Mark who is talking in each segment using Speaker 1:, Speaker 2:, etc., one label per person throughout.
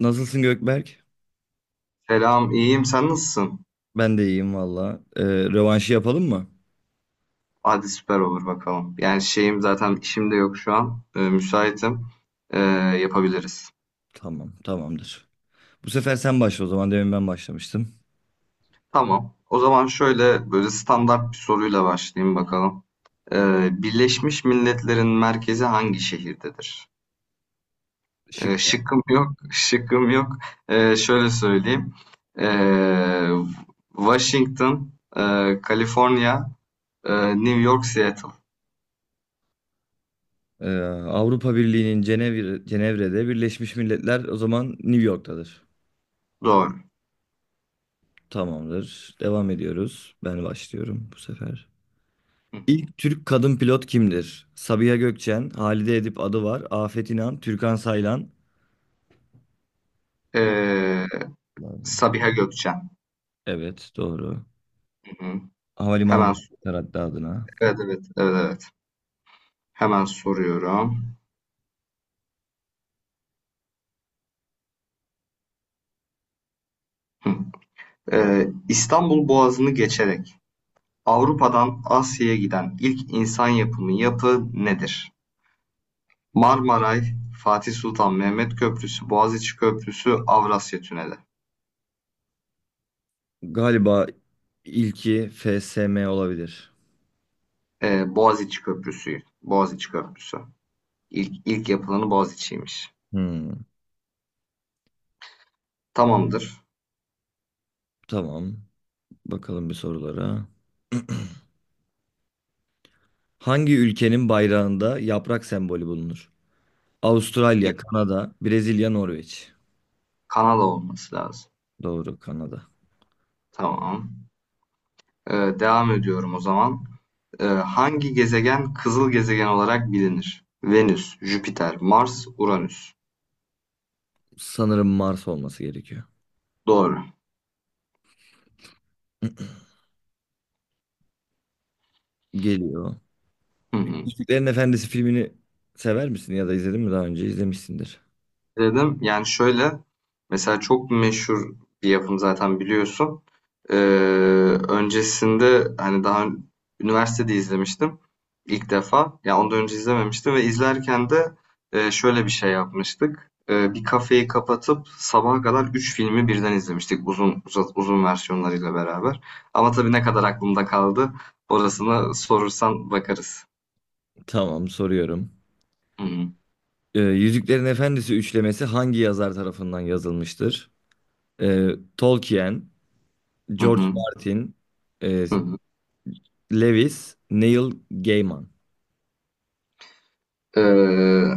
Speaker 1: Nasılsın Gökberk?
Speaker 2: Selam, iyiyim. Sen nasılsın?
Speaker 1: Ben de iyiyim valla. Rövanşı yapalım mı?
Speaker 2: Hadi süper olur bakalım. Yani şeyim zaten işim de yok şu an. Müsaitim. Ee, Yapabiliriz.
Speaker 1: Tamam, tamamdır. Bu sefer sen başla o zaman. Demin ben başlamıştım.
Speaker 2: Tamam. O zaman şöyle böyle standart bir soruyla başlayayım bakalım. Birleşmiş Milletler'in merkezi hangi şehirdedir?
Speaker 1: Şıkla.
Speaker 2: Şıkkım yok, şıkkım yok. Şöyle söyleyeyim. Ee, Washington, Kaliforniya, New York, Seattle.
Speaker 1: Ee, Cenevre'de Birleşmiş Milletler o zaman New York'tadır.
Speaker 2: Doğru.
Speaker 1: Tamamdır. Devam ediyoruz. Ben başlıyorum bu sefer.
Speaker 2: Hı hı.
Speaker 1: İlk Türk kadın pilot kimdir? Sabiha Gökçen, Halide Edip Adıvar, Afet İnan, Türkan Saylan. Bu
Speaker 2: Ee,
Speaker 1: lazım.
Speaker 2: Sabiha Gökçen.
Speaker 1: Evet, doğru.
Speaker 2: Hı. Hemen
Speaker 1: Havalimanı da
Speaker 2: s-
Speaker 1: var hatta adına.
Speaker 2: evet, evet, evet, evet. Hemen soruyorum. Hı. İstanbul Boğazı'nı geçerek Avrupa'dan Asya'ya giden ilk insan yapımı yapı nedir? Marmaray, Fatih Sultan Mehmet Köprüsü, Boğaziçi Köprüsü, Avrasya Tüneli.
Speaker 1: Galiba ilki FSM olabilir.
Speaker 2: Boğaziçi Köprüsü. Boğaziçi Köprüsü. İlk yapılanı Boğaziçi'ymiş.
Speaker 1: Hmm.
Speaker 2: Tamamdır.
Speaker 1: Tamam. Bakalım bir sorulara. Hangi ülkenin bayrağında yaprak sembolü bulunur?
Speaker 2: Ya,
Speaker 1: Avustralya, Kanada, Brezilya, Norveç.
Speaker 2: Kanal olması lazım.
Speaker 1: Doğru, Kanada.
Speaker 2: Tamam. Devam ediyorum o zaman. Hangi gezegen kızıl gezegen olarak bilinir? Venüs, Jüpiter, Mars, Uranüs.
Speaker 1: Sanırım Mars olması gerekiyor.
Speaker 2: Doğru.
Speaker 1: Geliyor.
Speaker 2: Hı hı.
Speaker 1: Yüzüklerin Efendisi filmini sever misin ya da izledin mi daha önce? İzlemişsindir.
Speaker 2: Dedim. Yani şöyle, mesela çok meşhur bir yapım zaten biliyorsun. Ee, Öncesinde hani daha üniversitede izlemiştim ilk defa. Yani ondan önce izlememiştim ve izlerken de şöyle bir şey yapmıştık. Bir kafeyi kapatıp sabaha kadar 3 filmi birden izlemiştik uzun versiyonlarıyla beraber. Ama tabii ne kadar aklımda kaldı orasına sorursan bakarız.
Speaker 1: Tamam, soruyorum.
Speaker 2: Hı hı
Speaker 1: Yüzüklerin Efendisi üçlemesi hangi yazar tarafından yazılmıştır? Ee, Tolkien,
Speaker 2: hı
Speaker 1: George
Speaker 2: hı.
Speaker 1: Martin, e,
Speaker 2: Hı hı.
Speaker 1: Lewis, Neil Gaiman.
Speaker 2: Ee,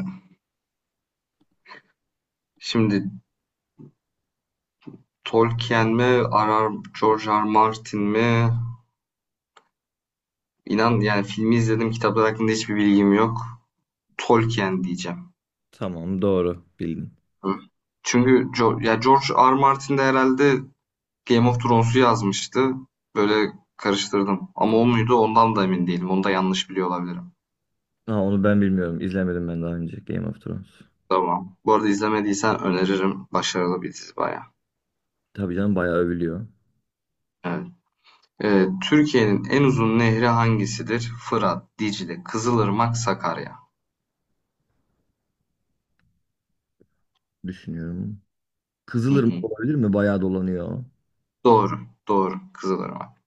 Speaker 2: Şimdi Tolkien mi, arar? George R. Martin mi? İnan yani filmi izledim, kitaplar hakkında hiçbir bilgim yok. Tolkien diyeceğim.
Speaker 1: Tamam, doğru bildin.
Speaker 2: Hı. Çünkü ya George R. Martin de herhalde Game of Thrones'u yazmıştı. Böyle karıştırdım. Ama o muydu ondan da emin değilim. Onu da yanlış biliyor olabilirim.
Speaker 1: Ha, onu ben bilmiyorum. İzlemedim ben daha önce Game of Thrones.
Speaker 2: Tamam. Bu arada izlemediysen öneririm. Başarılı bir dizi bayağı.
Speaker 1: Tabii canım, bayağı övülüyor.
Speaker 2: Evet. Türkiye'nin en uzun nehri hangisidir? Fırat, Dicle, Kızılırmak, Sakarya.
Speaker 1: Düşünüyorum.
Speaker 2: Hı
Speaker 1: Kızılırmak
Speaker 2: hı.
Speaker 1: olabilir mi? Bayağı dolanıyor.
Speaker 2: Doğru. Doğru. Kızılırmak.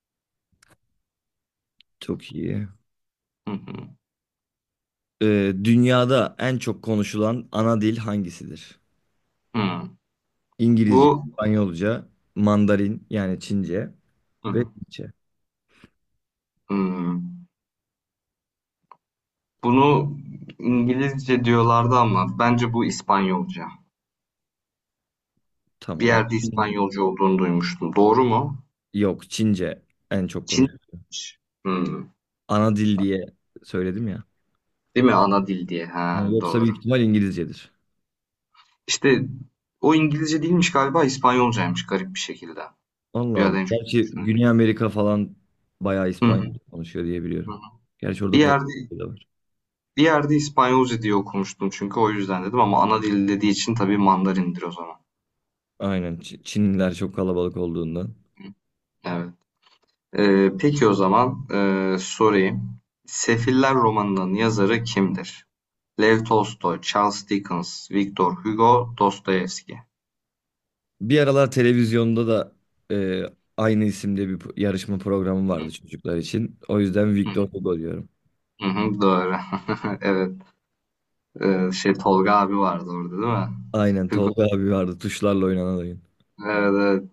Speaker 1: Çok iyi.
Speaker 2: Hı hı.
Speaker 1: Dünyada en çok konuşulan ana dil hangisidir?
Speaker 2: Hı.
Speaker 1: İngilizce,
Speaker 2: Bu
Speaker 1: İspanyolca, Mandarin yani Çince
Speaker 2: hı
Speaker 1: ve
Speaker 2: hı.
Speaker 1: Hintçe.
Speaker 2: Hı. Bunu İngilizce diyorlardı ama bence bu İspanyolca. Bir
Speaker 1: Tamam.
Speaker 2: yerde
Speaker 1: Çin.
Speaker 2: İspanyolca olduğunu duymuştum. Doğru mu?
Speaker 1: Yok, Çince en çok
Speaker 2: Çin.
Speaker 1: konuşulan.
Speaker 2: Hı.
Speaker 1: Ana dil diye söyledim ya.
Speaker 2: Değil mi? Ana dil diye.
Speaker 1: Ha,
Speaker 2: Ha,
Speaker 1: yoksa büyük
Speaker 2: doğru.
Speaker 1: ihtimal İngilizcedir.
Speaker 2: İşte o İngilizce değilmiş galiba İspanyolcaymış garip bir şekilde.
Speaker 1: Allah
Speaker 2: Ya da
Speaker 1: Allah.
Speaker 2: en çok
Speaker 1: Gerçi
Speaker 2: düşünüyorum.
Speaker 1: Güney Amerika falan bayağı
Speaker 2: Hı hı.
Speaker 1: İspanyolca konuşuyor diye
Speaker 2: Hı
Speaker 1: biliyorum.
Speaker 2: hı.
Speaker 1: Gerçi
Speaker 2: Bir
Speaker 1: orada
Speaker 2: yerde
Speaker 1: Portekizce de var.
Speaker 2: bir yerde İspanyolca diye okumuştum çünkü o yüzden dedim ama ana dil dediği için tabii Mandarindir o zaman.
Speaker 1: Aynen. Çinliler çok kalabalık olduğundan.
Speaker 2: Evet. Peki o zaman sorayım. Sefiller romanının yazarı kimdir? Lev Tolstoy, Charles Dickens, Victor Hugo, Dostoyevski.
Speaker 1: Bir aralar televizyonda da e, aynı isimde bir yarışma programı vardı çocuklar için. O yüzden
Speaker 2: Hı
Speaker 1: Victor Hugo diyorum.
Speaker 2: hı, hı, doğru. Evet. Tolga abi vardı orada değil mi?
Speaker 1: Aynen,
Speaker 2: Hugo.
Speaker 1: Tolga abi vardı, tuşlarla oynanan oyun.
Speaker 2: Evet, evet.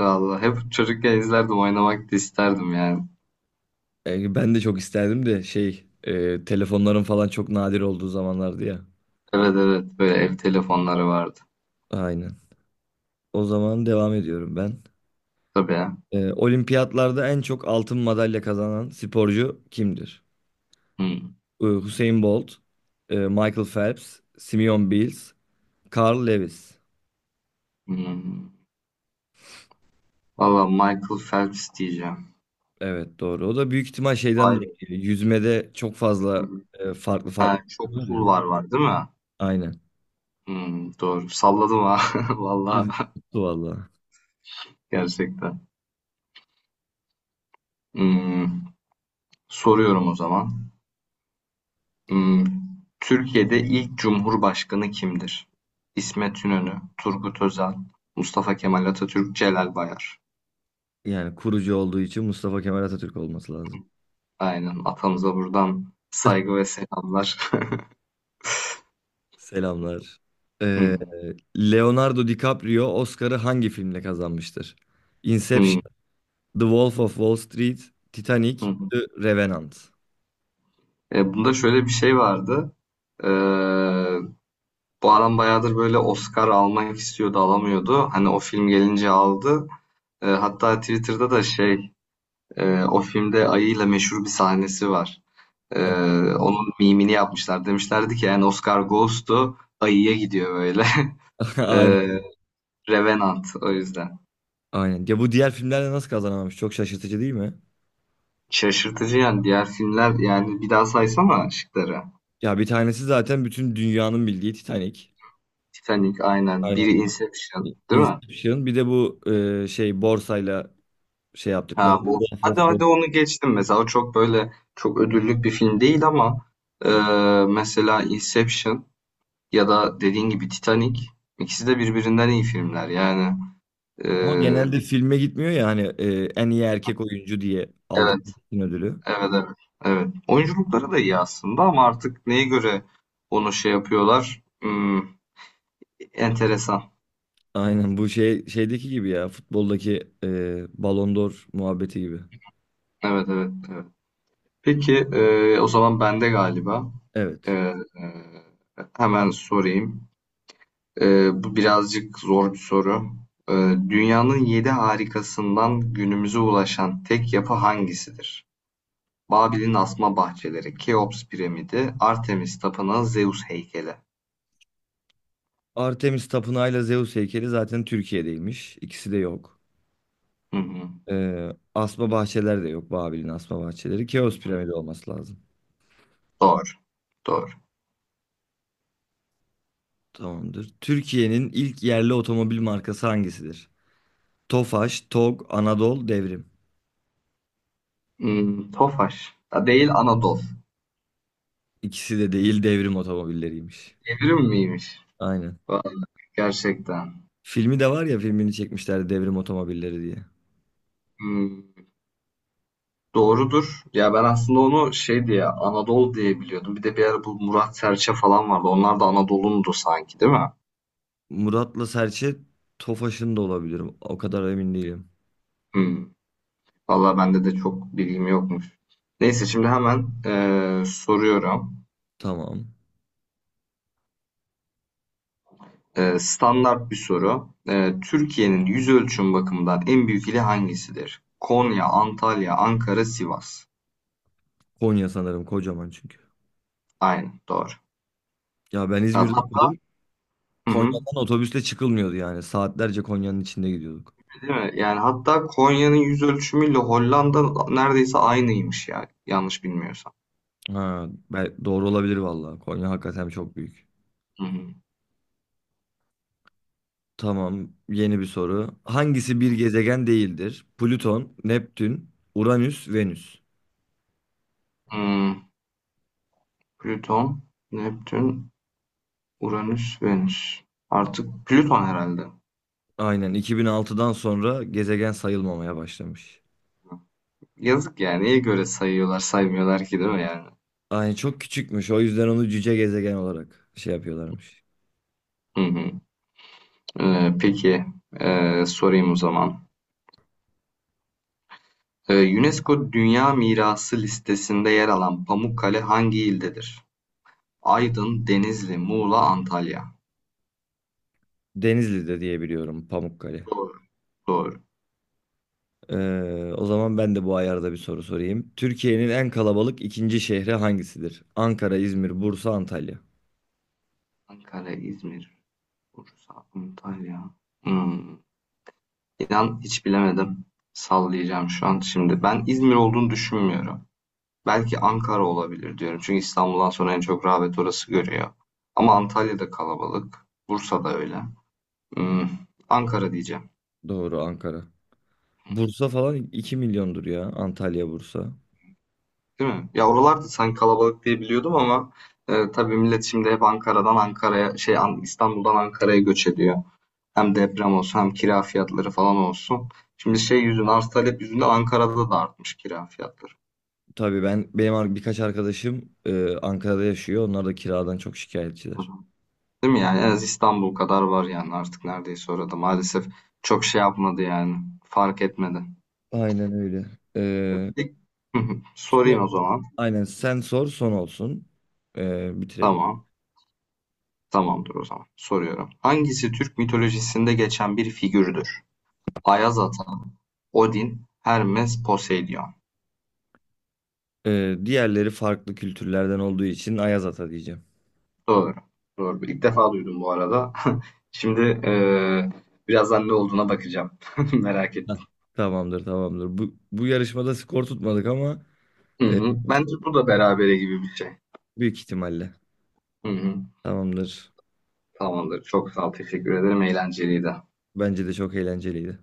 Speaker 2: Vallahi hep çocukken izlerdim. Oynamak da isterdim yani.
Speaker 1: Ben de çok isterdim de şey, telefonların falan çok nadir olduğu zamanlardı ya.
Speaker 2: Evet, evet. Böyle ev telefonları vardı.
Speaker 1: Aynen. O zaman devam ediyorum ben.
Speaker 2: Tabii ya.
Speaker 1: Olimpiyatlarda en çok altın madalya kazanan sporcu kimdir?
Speaker 2: Hı,
Speaker 1: Hüseyin Bolt, Michael Phelps, Simeon Biles, Carl Lewis.
Speaker 2: hı. Valla Michael Phelps diyeceğim.
Speaker 1: Evet, doğru. O da büyük ihtimal şeyden
Speaker 2: Vay
Speaker 1: dolayı
Speaker 2: be.
Speaker 1: geliyor. Yüzmede çok
Speaker 2: Hı
Speaker 1: fazla
Speaker 2: hı.
Speaker 1: farklı farklı
Speaker 2: Ha, çok
Speaker 1: var ya.
Speaker 2: cool var var değil mi?
Speaker 1: Aynen.
Speaker 2: Hmm, doğru. Salladım ha. Vallahi
Speaker 1: Hızlı tuttu valla.
Speaker 2: gerçekten. Hmm, Soruyorum o zaman. Hmm, Türkiye'de ilk Cumhurbaşkanı kimdir? İsmet İnönü, Turgut Özal, Mustafa Kemal Atatürk, Celal Bayar.
Speaker 1: Yani kurucu olduğu için Mustafa Kemal Atatürk olması lazım.
Speaker 2: Aynen. Atamıza buradan saygı ve selamlar.
Speaker 1: Selamlar. Ee,
Speaker 2: Hmm,
Speaker 1: Leonardo DiCaprio Oscar'ı hangi filmle kazanmıştır?
Speaker 2: hmm,
Speaker 1: Inception. The Wolf of Wall Street, Titanic,
Speaker 2: hmm.
Speaker 1: The Revenant.
Speaker 2: Bunda şöyle bir şey vardı. Ee, Bu adam bayağıdır böyle Oscar almak istiyordu, alamıyordu. Hani o film gelince aldı. Hatta Twitter'da da şey. O filmde ayıyla meşhur bir sahnesi var. Ee,
Speaker 1: Evet.
Speaker 2: Onun mimini yapmışlar. Demişlerdi ki yani Oscar goes to ayıya gidiyor böyle. Ee,
Speaker 1: Aynen,
Speaker 2: Revenant o yüzden.
Speaker 1: aynen. Ya, bu diğer filmlerle nasıl kazanamamış? Çok şaşırtıcı değil mi?
Speaker 2: Şaşırtıcı yani diğer filmler yani bir daha saysana şıkları.
Speaker 1: Ya bir tanesi zaten bütün dünyanın bildiği Titanic.
Speaker 2: Titanic aynen. Biri
Speaker 1: Aynen.
Speaker 2: Inception değil mi?
Speaker 1: Inception. Bir de bu şey, borsayla şey yaptıkları.
Speaker 2: Ha, bu. Hadi hadi onu geçtim mesela. O çok böyle çok ödüllük bir film değil ama e, mesela Inception ya da dediğin gibi Titanic ikisi de birbirinden iyi filmler yani. E,
Speaker 1: Ama genelde filme gitmiyor ya hani, en iyi erkek oyuncu diye aldık
Speaker 2: evet,
Speaker 1: bütün ödülü.
Speaker 2: evet, evet. Evet. Oyunculukları da iyi aslında ama artık neye göre onu şey yapıyorlar? Enteresan.
Speaker 1: Aynen bu şey şeydeki gibi ya, futboldaki Ballon d'Or muhabbeti gibi.
Speaker 2: Evet, evet, evet. Peki o zaman bende galiba. E,
Speaker 1: Evet.
Speaker 2: e, Hemen sorayım. E, Bu birazcık zor bir soru. E, Dünyanın yedi harikasından günümüze ulaşan tek yapı hangisidir? Babil'in asma bahçeleri, Keops piramidi, Artemis tapınağı, Zeus heykeli.
Speaker 1: Artemis Tapınağı'yla Zeus heykeli zaten Türkiye'deymiş. İkisi de yok.
Speaker 2: Hı hı.
Speaker 1: Ee, Asma bahçeler de yok. Babil'in asma bahçeleri. Keops piramidi olması lazım.
Speaker 2: Doğru. Doğru.
Speaker 1: Tamamdır. Türkiye'nin ilk yerli otomobil markası hangisidir? Tofaş, Tog, Anadolu, Devrim.
Speaker 2: Hmm, Tofaş. Ha, değil Anadolu.
Speaker 1: İkisi de değil, Devrim otomobilleriymiş.
Speaker 2: Evrim miymiş?
Speaker 1: Aynen.
Speaker 2: Vay, gerçekten.
Speaker 1: Filmi de var ya, filmini çekmişler, Devrim otomobilleri diye.
Speaker 2: Hmm, doğrudur. Ya ben aslında onu şey diye Anadolu diye biliyordum. Bir de bir ara bu Murat Serçe falan vardı. Onlar da Anadolu'ndu sanki değil mi?
Speaker 1: Murat'la Serçe Tofaş'ın da olabilirim. O kadar emin değilim.
Speaker 2: Hmm. Valla bende de çok bilgim yokmuş. Neyse şimdi hemen soruyorum.
Speaker 1: Tamam.
Speaker 2: Standart bir soru. Türkiye'nin yüz ölçüm bakımından en büyük ili hangisidir? Konya, Antalya, Ankara, Sivas.
Speaker 1: Konya sanırım, kocaman çünkü.
Speaker 2: Aynen doğru.
Speaker 1: Ya, ben İzmir'de
Speaker 2: Hatta, hı hı.
Speaker 1: Konya'dan otobüsle çıkılmıyordu yani. Saatlerce Konya'nın içinde gidiyorduk.
Speaker 2: Değil mi? Yani hatta Konya'nın yüz ölçümüyle Hollanda neredeyse aynıymış yani. Yanlış bilmiyorsam.
Speaker 1: Ha, doğru olabilir valla, Konya hakikaten çok büyük.
Speaker 2: Hı hı.
Speaker 1: Tamam, yeni bir soru. Hangisi bir gezegen değildir? Plüton, Neptün, Uranüs, Venüs.
Speaker 2: Hmm, Plüton, Neptün, Uranüs, Venüs. Artık Plüton herhalde.
Speaker 1: Aynen, 2006'dan sonra gezegen sayılmamaya başlamış.
Speaker 2: Yazık yani. Neye göre sayıyorlar, saymıyorlar ki değil mi yani?
Speaker 1: Aynen, çok küçükmüş. O yüzden onu cüce gezegen olarak şey yapıyorlarmış.
Speaker 2: Hı hı. Peki sorayım o zaman. UNESCO Dünya Mirası listesinde yer alan Pamukkale hangi ildedir? Aydın, Denizli, Muğla, Antalya.
Speaker 1: Denizli'de diye biliyorum Pamukkale.
Speaker 2: Doğru. Doğru.
Speaker 1: O zaman ben de bu ayarda bir soru sorayım. Türkiye'nin en kalabalık ikinci şehri hangisidir? Ankara, İzmir, Bursa, Antalya.
Speaker 2: Ankara, İzmir, Bursa, Antalya. Hmm. İnan hiç bilemedim. Sallayacağım şu an şimdi. Ben İzmir olduğunu düşünmüyorum. Belki Ankara olabilir diyorum. Çünkü İstanbul'dan sonra en çok rağbet orası görüyor. Ama Antalya'da kalabalık. Bursa'da öyle. Hmm. Ankara diyeceğim.
Speaker 1: Doğru, Ankara. Bursa falan 2 milyondur ya. Antalya, Bursa.
Speaker 2: Değil mi? Ya oralarda sanki kalabalık diye biliyordum ama tabii millet şimdi hep Ankara'dan Ankara'ya şey An- İstanbul'dan Ankara'ya göç ediyor. Hem deprem olsun hem kira fiyatları falan olsun. Şimdi şey yüzünden arz talep yüzünden Ankara'da da artmış kira fiyatları.
Speaker 1: Tabii, birkaç arkadaşım Ankara'da yaşıyor. Onlar da kiradan çok şikayetçiler.
Speaker 2: Değil mi yani? En az İstanbul kadar var yani artık neredeyse orada. Maalesef çok şey yapmadı yani. Fark etmedi.
Speaker 1: Aynen öyle. Ee,
Speaker 2: Bir-
Speaker 1: son-
Speaker 2: Sorayım o zaman.
Speaker 1: aynen, sen sor, son olsun. Bitirelim.
Speaker 2: Tamam. Tamamdır o zaman. Soruyorum. Hangisi Türk mitolojisinde geçen bir figürdür? Ayaz Ata, Odin, Hermes, Poseidon.
Speaker 1: Diğerleri farklı kültürlerden olduğu için Ayaz Ata diyeceğim.
Speaker 2: Doğru. Doğru. İlk defa duydum bu arada. Şimdi birazdan ne olduğuna bakacağım. Merak
Speaker 1: Heh.
Speaker 2: ettim.
Speaker 1: Tamamdır, tamamdır. Bu yarışmada skor tutmadık ama...
Speaker 2: Hı
Speaker 1: E,
Speaker 2: hı. Bence bu da berabere gibi bir şey.
Speaker 1: Büyük ihtimalle.
Speaker 2: Hı hı.
Speaker 1: Tamamdır.
Speaker 2: Tamamdır. Çok sağ ol. Teşekkür ederim. Eğlenceliydi.
Speaker 1: Bence de çok eğlenceliydi.